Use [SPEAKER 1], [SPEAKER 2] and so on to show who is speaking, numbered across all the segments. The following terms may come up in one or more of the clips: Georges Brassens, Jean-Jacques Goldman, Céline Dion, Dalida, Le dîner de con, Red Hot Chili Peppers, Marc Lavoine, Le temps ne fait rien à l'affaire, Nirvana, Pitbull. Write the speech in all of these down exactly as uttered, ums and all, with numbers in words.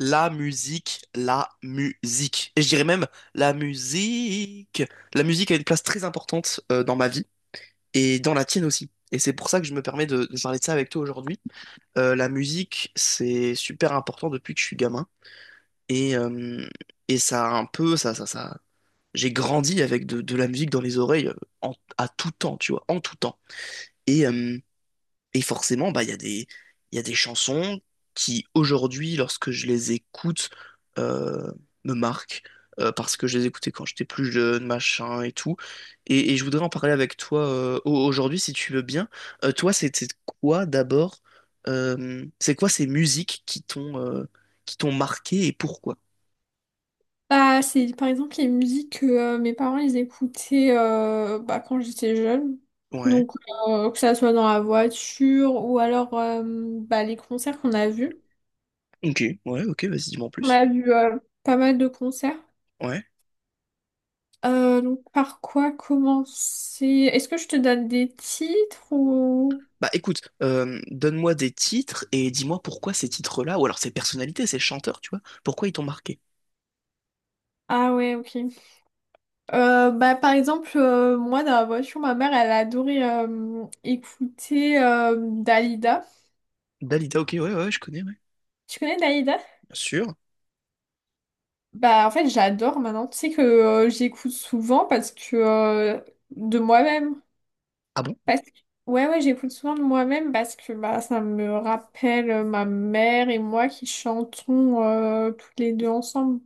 [SPEAKER 1] La musique, la musique. Et je dirais même la musique. La musique a une place très importante euh, dans ma vie et dans la tienne aussi. Et c'est pour ça que je me permets de, de parler de ça avec toi aujourd'hui. Euh, la musique, c'est super important depuis que je suis gamin. Et, euh, et ça a un peu, ça, ça, ça. J'ai grandi avec de, de la musique dans les oreilles, euh, en- à tout temps, tu vois, en tout temps. Et, euh, et forcément, bah, il y a des, il y a des chansons qui, aujourd'hui, lorsque je les écoute, euh, me marquent, euh, parce que je les écoutais quand j'étais plus jeune, machin et tout. Et, et je voudrais en parler avec toi, euh, au- aujourd'hui, si tu veux bien. Euh, toi, c'était quoi d'abord? Euh, c'est quoi ces musiques qui t'ont euh, qui t'ont marqué et pourquoi?
[SPEAKER 2] Bah, c'est par exemple les musiques que euh, mes parents ils écoutaient, euh, bah, quand j'étais jeune.
[SPEAKER 1] Ouais.
[SPEAKER 2] Donc euh, que ça soit dans la voiture ou alors, euh, bah, les concerts qu'on a vus.
[SPEAKER 1] Ok, ouais, ok, vas-y, dis-moi en
[SPEAKER 2] On
[SPEAKER 1] plus.
[SPEAKER 2] a vu, euh, pas mal de concerts.
[SPEAKER 1] Ouais.
[SPEAKER 2] Euh, donc par quoi commencer? Est-ce que je te donne des titres ou...
[SPEAKER 1] Bah écoute, euh, donne-moi des titres et dis-moi pourquoi ces titres-là, ou alors ces personnalités, ces chanteurs, tu vois, pourquoi ils t'ont marqué.
[SPEAKER 2] Ah ouais, ok. Euh, bah, par exemple, euh, moi dans la voiture, ma mère elle adorait, euh, écouter euh, Dalida.
[SPEAKER 1] Dalida, ok, ouais, ouais, je connais, ouais.
[SPEAKER 2] Tu connais Dalida?
[SPEAKER 1] Bien sûr.
[SPEAKER 2] Bah en fait j'adore maintenant, tu sais que euh, j'écoute souvent parce que, euh, de moi-même.
[SPEAKER 1] Ah bon?
[SPEAKER 2] Parce que... Ouais, ouais, j'écoute souvent de moi-même parce que bah ça me rappelle, euh, ma mère et moi qui chantons, euh, toutes les deux ensemble.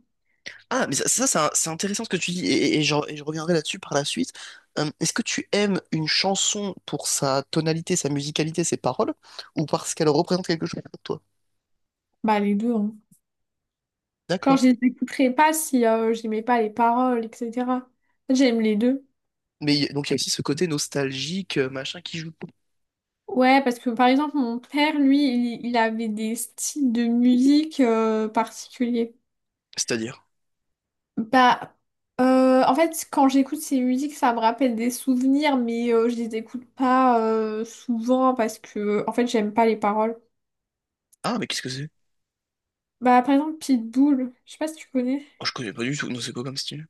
[SPEAKER 1] Ah, mais ça, ça, c'est un- c'est intéressant ce que tu dis, et, et- et je, et je reviendrai là-dessus par la suite. Euh, est-ce que tu aimes une chanson pour sa tonalité, sa musicalité, ses paroles, ou parce qu'elle représente quelque chose pour toi?
[SPEAKER 2] Bah les deux hein. Genre
[SPEAKER 1] D'accord.
[SPEAKER 2] je les écouterais pas si euh, j'aimais pas les paroles, et cetera. En J'aime les deux.
[SPEAKER 1] Mais y- donc il y a aussi ce côté nostalgique, euh, machin, qui joue.
[SPEAKER 2] Ouais, parce que par exemple, mon père, lui, il, il avait des styles de musique euh, particuliers.
[SPEAKER 1] C'est-à-dire?
[SPEAKER 2] Bah, euh, en fait, quand j'écoute ces musiques, ça me rappelle des souvenirs, mais euh, je les écoute pas euh, souvent parce que, en fait, j'aime pas les paroles.
[SPEAKER 1] Ah, mais qu'est-ce que c'est?
[SPEAKER 2] Bah, par exemple, Pitbull, je sais pas si tu connais.
[SPEAKER 1] Oh, je connais pas du tout, non, c'est quoi comme style?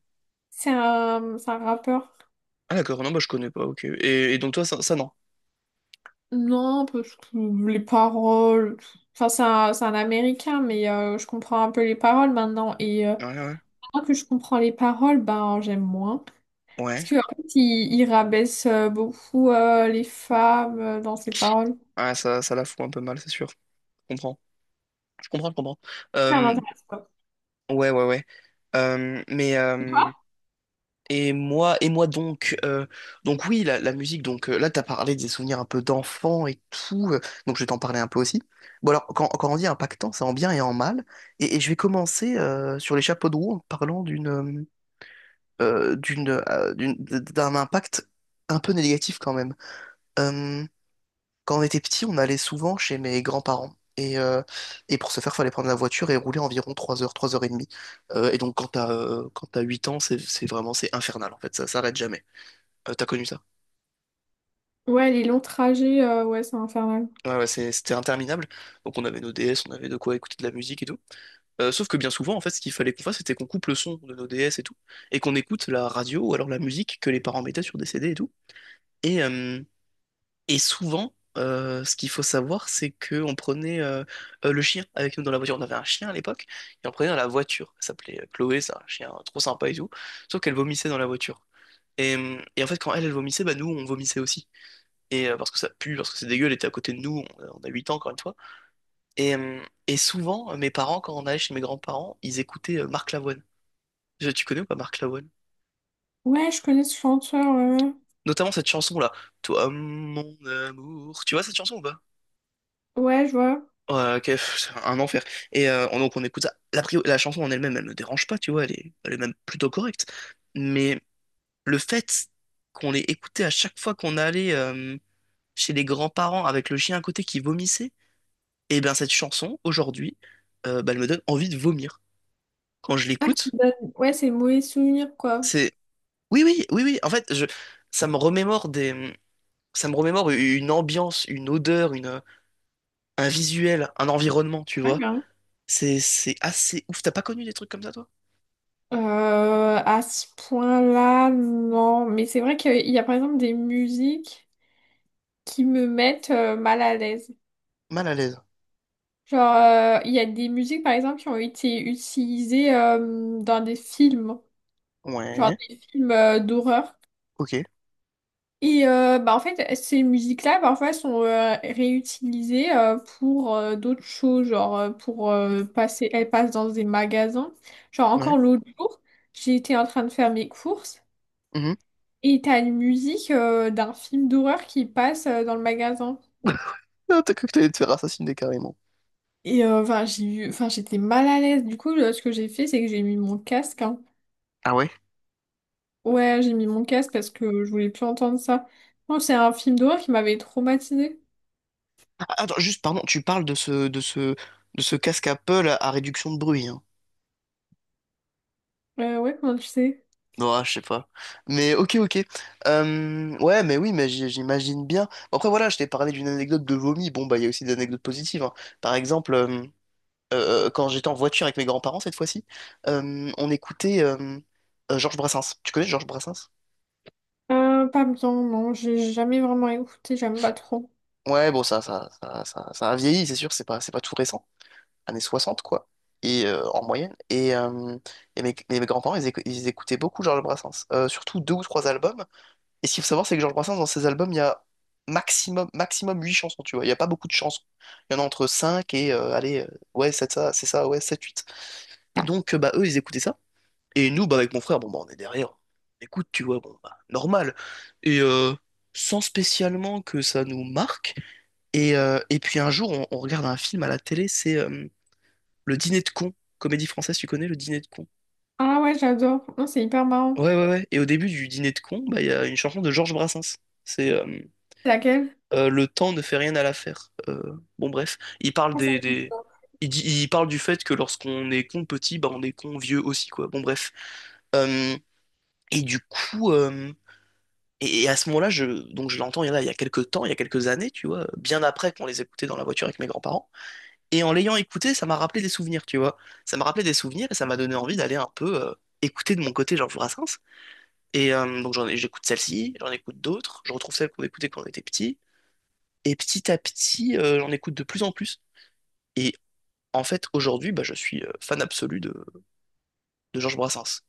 [SPEAKER 2] C'est un, c'est un rappeur.
[SPEAKER 1] Ah d'accord, non, bah je connais pas, ok. Et, et donc toi, ça, ça non.
[SPEAKER 2] Non, parce que les paroles. Enfin, c'est un, c'est un Américain, mais euh, je comprends un peu les paroles maintenant. Et euh,
[SPEAKER 1] Ouais, ouais.
[SPEAKER 2] maintenant que je comprends les paroles, ben, j'aime moins. Parce
[SPEAKER 1] Ouais.
[SPEAKER 2] que, en fait, il, il rabaisse, euh, beaucoup, euh, les femmes, euh, dans ses paroles.
[SPEAKER 1] Ouais, ça, ça la fout un peu mal, c'est sûr. Je comprends. Je comprends, je comprends.
[SPEAKER 2] Ça
[SPEAKER 1] Euh,
[SPEAKER 2] m'intéresse pas.
[SPEAKER 1] ouais, ouais, ouais. Euh, mais euh, et moi, et moi donc, euh, donc oui, la, la musique, donc euh, là, t'as parlé des souvenirs un peu d'enfant et tout, euh, donc je vais t'en parler un peu aussi. Bon alors, quand, quand on dit impactant, c'est en bien et en mal. Et, et je vais commencer euh, sur les chapeaux de roue en parlant d'une euh, d'une euh, d'une- d'un impact un peu négatif quand même. Quand on était petit, on allait souvent chez mes grands-parents. Et, euh, et pour ce faire, fallait prendre la voiture et rouler environ trois heures, trois heures et demie. Euh, et donc, quand t'as euh, quand t'as huit ans, c'est c'est vraiment c'est infernal en fait, ça s'arrête jamais. Euh, t'as connu ça?
[SPEAKER 2] Ouais, les longs trajets, euh, ouais, c'est infernal.
[SPEAKER 1] Ouais, ouais, c'est- c'était interminable. Donc, on avait nos D S, on avait de quoi écouter de la musique et tout. Euh, sauf que bien souvent, en fait, ce qu'il fallait qu'on fasse, c'était qu'on coupe le son de nos D S et tout, et qu'on écoute la radio ou alors la musique que les parents mettaient sur des C D et tout. Et, euh, Et souvent, euh, ce qu'il faut savoir, c'est qu'on prenait euh, euh, le chien avec nous dans la voiture. On avait un chien à l'époque, et on prenait dans la voiture. Elle s'appelait euh, Chloé, c'est un chien trop sympa et tout. Sauf qu'elle vomissait dans la voiture. Et, euh, et en fait, quand elle, elle vomissait, bah, nous, on vomissait aussi. Et euh, parce que ça pue, parce que c'est dégueu, elle était à côté de nous, on, a on a huit ans encore une fois. Et, euh, et souvent, euh, mes parents, quand on allait chez mes grands-parents, ils écoutaient euh, Marc Lavoine. Je- Tu connais ou pas Marc Lavoine?
[SPEAKER 2] Ouais, je connais ce chanteur, ouais. Ouais,
[SPEAKER 1] Notamment cette chanson-là. Toi, mon amour. Tu vois cette chanson ou pas?
[SPEAKER 2] ouais, je vois.
[SPEAKER 1] Ouais, ok, pff, c'est un enfer. Et euh, on- donc on écoute ça. La, pri- la chanson en elle-même, elle ne dérange pas, tu vois, elle est, elle est même plutôt correcte. Mais le fait qu'on l'ait écoutée à chaque fois qu'on allait euh, chez les grands-parents avec le chien à côté qui vomissait, et bien cette chanson, aujourd'hui, euh, bah, elle me donne envie de vomir. Quand je l'écoute,
[SPEAKER 2] Bah, ouais, c'est mauvais souvenir, quoi.
[SPEAKER 1] c'est... Oui, oui, oui, oui, en fait, je... ça me remémore des... Ça me remémore une ambiance, une odeur, une... un visuel, un environnement, tu
[SPEAKER 2] Ouais,
[SPEAKER 1] vois.
[SPEAKER 2] grave.
[SPEAKER 1] C'est c'est assez ouf. T'as pas connu des trucs comme ça, toi?
[SPEAKER 2] Euh, à ce point-là, non. Mais c'est vrai qu'il y a par exemple des musiques qui me mettent, euh, mal à l'aise.
[SPEAKER 1] Mal à l'aise.
[SPEAKER 2] Genre, euh, il y a des musiques, par exemple, qui ont été utilisées, euh, dans des films. Genre
[SPEAKER 1] Ouais,
[SPEAKER 2] des films, euh, d'horreur.
[SPEAKER 1] ok,
[SPEAKER 2] Et euh, bah en fait, ces musiques-là, parfois, sont, euh, réutilisées, euh, pour, euh, d'autres choses, genre, euh, pour euh, passer, elles passent dans des magasins. Genre
[SPEAKER 1] ouais.
[SPEAKER 2] encore l'autre jour, j'étais en train de faire mes courses
[SPEAKER 1] Mhm.
[SPEAKER 2] et t'as une musique, euh, d'un film d'horreur qui passe, euh, dans le magasin.
[SPEAKER 1] Ah, t'as cru que t'allais te faire assassiner carrément.
[SPEAKER 2] Et euh, enfin, j'ai eu, enfin, j'étais mal à l'aise. Du coup, là, ce que j'ai fait, c'est que j'ai mis mon casque. Hein.
[SPEAKER 1] Ah ouais?
[SPEAKER 2] Ouais, j'ai mis mon casque parce que je voulais plus entendre ça. Non, c'est un film d'horreur qui m'avait traumatisée.
[SPEAKER 1] Ah, attends, juste, pardon, tu parles de ce, de ce, de ce casque Apple à, à réduction de bruit, hein.
[SPEAKER 2] Euh, ouais, comment tu sais?
[SPEAKER 1] Ouais, je sais pas. Mais ok, ok. Euh, ouais, mais oui, mais j'i- j'imagine bien. Après, voilà, je t'ai parlé d'une anecdote de vomi. Bon, bah, il y a aussi des anecdotes positives, hein. Par exemple, euh, euh, quand j'étais en voiture avec mes grands-parents cette fois-ci, euh, on écoutait euh, euh, Georges Brassens. Tu connais Georges Brassens?
[SPEAKER 2] Euh, pas bien, non, j'ai jamais vraiment écouté, j'aime pas trop.
[SPEAKER 1] Ouais, bon, ça, ça, ça, ça, ça a vieilli, c'est sûr, c'est pas, c'est pas tout récent. Années soixante, quoi, et, euh, en moyenne. Et, euh, et mes, mes- grands-parents, ils, écou- ils écoutaient beaucoup Georges Brassens. Euh, surtout deux ou trois albums. Et ce qu'il faut savoir, c'est que Georges Brassens, dans ses albums, il y a maximum, maximum huit chansons, tu vois. Il n'y a pas beaucoup de chansons. Il y en a entre cinq et, euh, allez, euh, ouais, c'est ça, c'est ça, ouais, sept huit. Et donc, euh, bah, eux, ils écoutaient ça. Et nous, bah, avec mon frère, bon, bah, on est derrière, on écoute, tu vois, bon, bah, normal. Et euh, Sans spécialement que ça nous marque. Et, euh, et puis un jour, on, on regarde un film à la télé, c'est euh, le dîner de con. Comédie française, tu connais le dîner de con?
[SPEAKER 2] Ah ouais, j'adore. Non, c'est hyper marrant.
[SPEAKER 1] Ouais, ouais, ouais. Et au début du dîner de con, bah, il y a une chanson de Georges Brassens. C'est euh,
[SPEAKER 2] C'est laquelle?
[SPEAKER 1] euh, Le temps ne fait rien à l'affaire. Euh, bon, bref. Il parle
[SPEAKER 2] Ah, ça,
[SPEAKER 1] des,
[SPEAKER 2] c'est
[SPEAKER 1] des-
[SPEAKER 2] sûr.
[SPEAKER 1] Il dit- il parle du fait que lorsqu'on est con petit, bah, on est con vieux aussi, quoi. Bon, bref. Euh, et du coup. euh, Et et à ce moment-là, je, donc je l'entends il y en a, il y a quelques temps, il y a quelques années, tu vois, bien après qu'on les écoutait dans la voiture avec mes grands-parents. Et en l'ayant écouté, ça m'a rappelé des souvenirs, tu vois. Ça m'a rappelé des souvenirs et ça m'a donné envie d'aller un peu euh, écouter de mon côté Georges Brassens. Et euh, donc j'en ai- j'écoute celle-ci, j'en écoute d'autres, je retrouve celles qu'on écoutait quand on était petit. Et petit à petit, euh, j'en écoute de plus en plus. Et en fait, aujourd'hui, bah, je suis euh, fan absolu de, de Georges Brassens.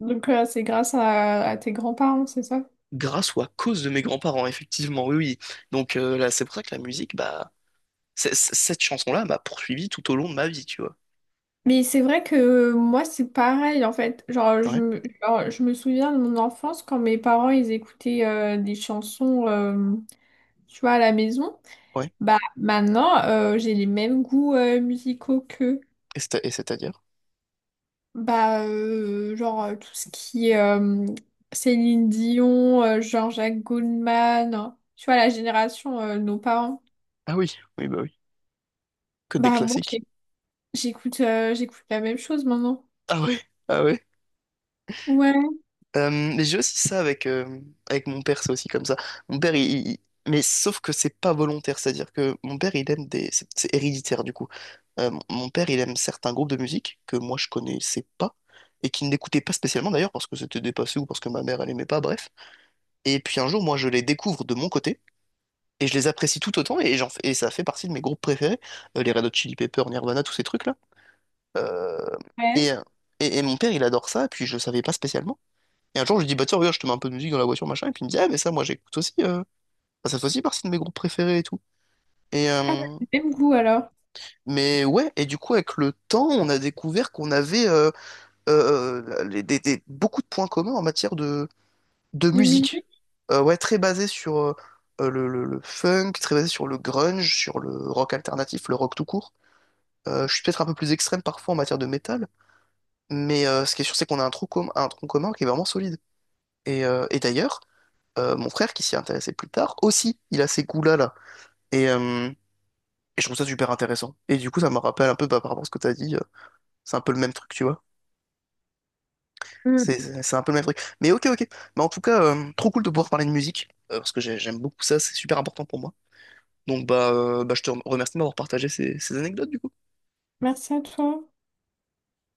[SPEAKER 2] Donc euh, c'est grâce à, à tes grands-parents, c'est ça?
[SPEAKER 1] Grâce ou à cause de mes grands-parents, effectivement, oui, oui. Donc euh, là, c'est pour ça que la musique, bah, c- c- cette chanson-là m'a poursuivi tout au long de ma vie, tu vois.
[SPEAKER 2] Mais c'est vrai que moi c'est pareil en fait. Genre je
[SPEAKER 1] Ouais,
[SPEAKER 2] me, genre, je me souviens de mon enfance quand mes parents ils écoutaient, euh, des chansons, euh, tu vois à la maison.
[SPEAKER 1] ouais.
[SPEAKER 2] Bah maintenant, euh, j'ai les mêmes goûts euh, musicaux qu'eux.
[SPEAKER 1] Et c'est- et c'est-à-dire?
[SPEAKER 2] Bah, euh, genre, euh, tout ce qui est, euh, Céline Dion, euh, Jean-Jacques Goldman, tu vois, la génération, euh, de nos parents.
[SPEAKER 1] Ah oui, oui, bah oui. Que des
[SPEAKER 2] Bah, moi,
[SPEAKER 1] classiques.
[SPEAKER 2] j'ai- j'écoute, euh, j'écoute la même chose maintenant.
[SPEAKER 1] Ah ouais? Ah ouais?
[SPEAKER 2] Ouais,
[SPEAKER 1] Euh, mais j'ai aussi ça avec, euh, avec mon père, c'est aussi comme ça. Mon père, il... il- Mais sauf que c'est pas volontaire, c'est-à-dire que mon père, il aime des... C'est c'est héréditaire, du coup. Euh, mon mon père, il aime certains groupes de musique que moi, je connaissais pas et qu'il n'écoutait pas spécialement, d'ailleurs, parce que c'était dépassé ou parce que ma mère, elle aimait pas, bref. Et puis un jour, moi, je les découvre de mon côté et je les apprécie tout autant et, j'en... fais- et ça fait partie de mes groupes préférés, euh, les Red Hot Chili Peppers, Nirvana, tous ces trucs-là. Euh, Et,
[SPEAKER 2] ouais.
[SPEAKER 1] et, et mon père, il adore ça, puis je le savais pas spécialement. Et un jour, je lui dis, bah tiens, regarde, je te mets un peu de musique dans la voiture, machin. Et puis il me dit, ah, mais ça, moi, j'écoute aussi. Euh... Enfin, ça fait aussi partie de mes groupes préférés et tout. Et,
[SPEAKER 2] Ah,
[SPEAKER 1] euh,
[SPEAKER 2] ouais, même goût alors.
[SPEAKER 1] mais ouais, et du coup, avec le temps, on a découvert qu'on avait euh, euh, euh, les- des, des- beaucoup de points communs en matière de, de
[SPEAKER 2] De
[SPEAKER 1] musique.
[SPEAKER 2] musique.
[SPEAKER 1] Euh, ouais, très basé sur euh, euh, le, le- le funk, très basé sur le grunge, sur le rock alternatif, le rock tout court. Euh, je suis peut-être un peu plus extrême parfois en matière de métal, mais euh, ce qui est sûr, c'est qu'on a un tronc commun, un tronc commun qui est vraiment solide. Et, euh, et d'ailleurs, euh, mon frère qui s'y intéressait plus tard, aussi, il a ces goûts-là, là. Et, euh, et je trouve ça super intéressant. Et du coup, ça me rappelle un peu, bah, par rapport à ce que t'as dit, euh, c'est un peu le même truc, tu vois.
[SPEAKER 2] Mm.
[SPEAKER 1] C'est c'est- c'est un peu le même truc. Mais ok, ok. Mais en tout cas, euh, trop cool de pouvoir parler de musique, euh, parce que j'ai- j'aime beaucoup ça, c'est super important pour moi. Donc, bah, euh, bah, je te remercie de m'avoir partagé ces ces anecdotes, du coup.
[SPEAKER 2] Merci à toi.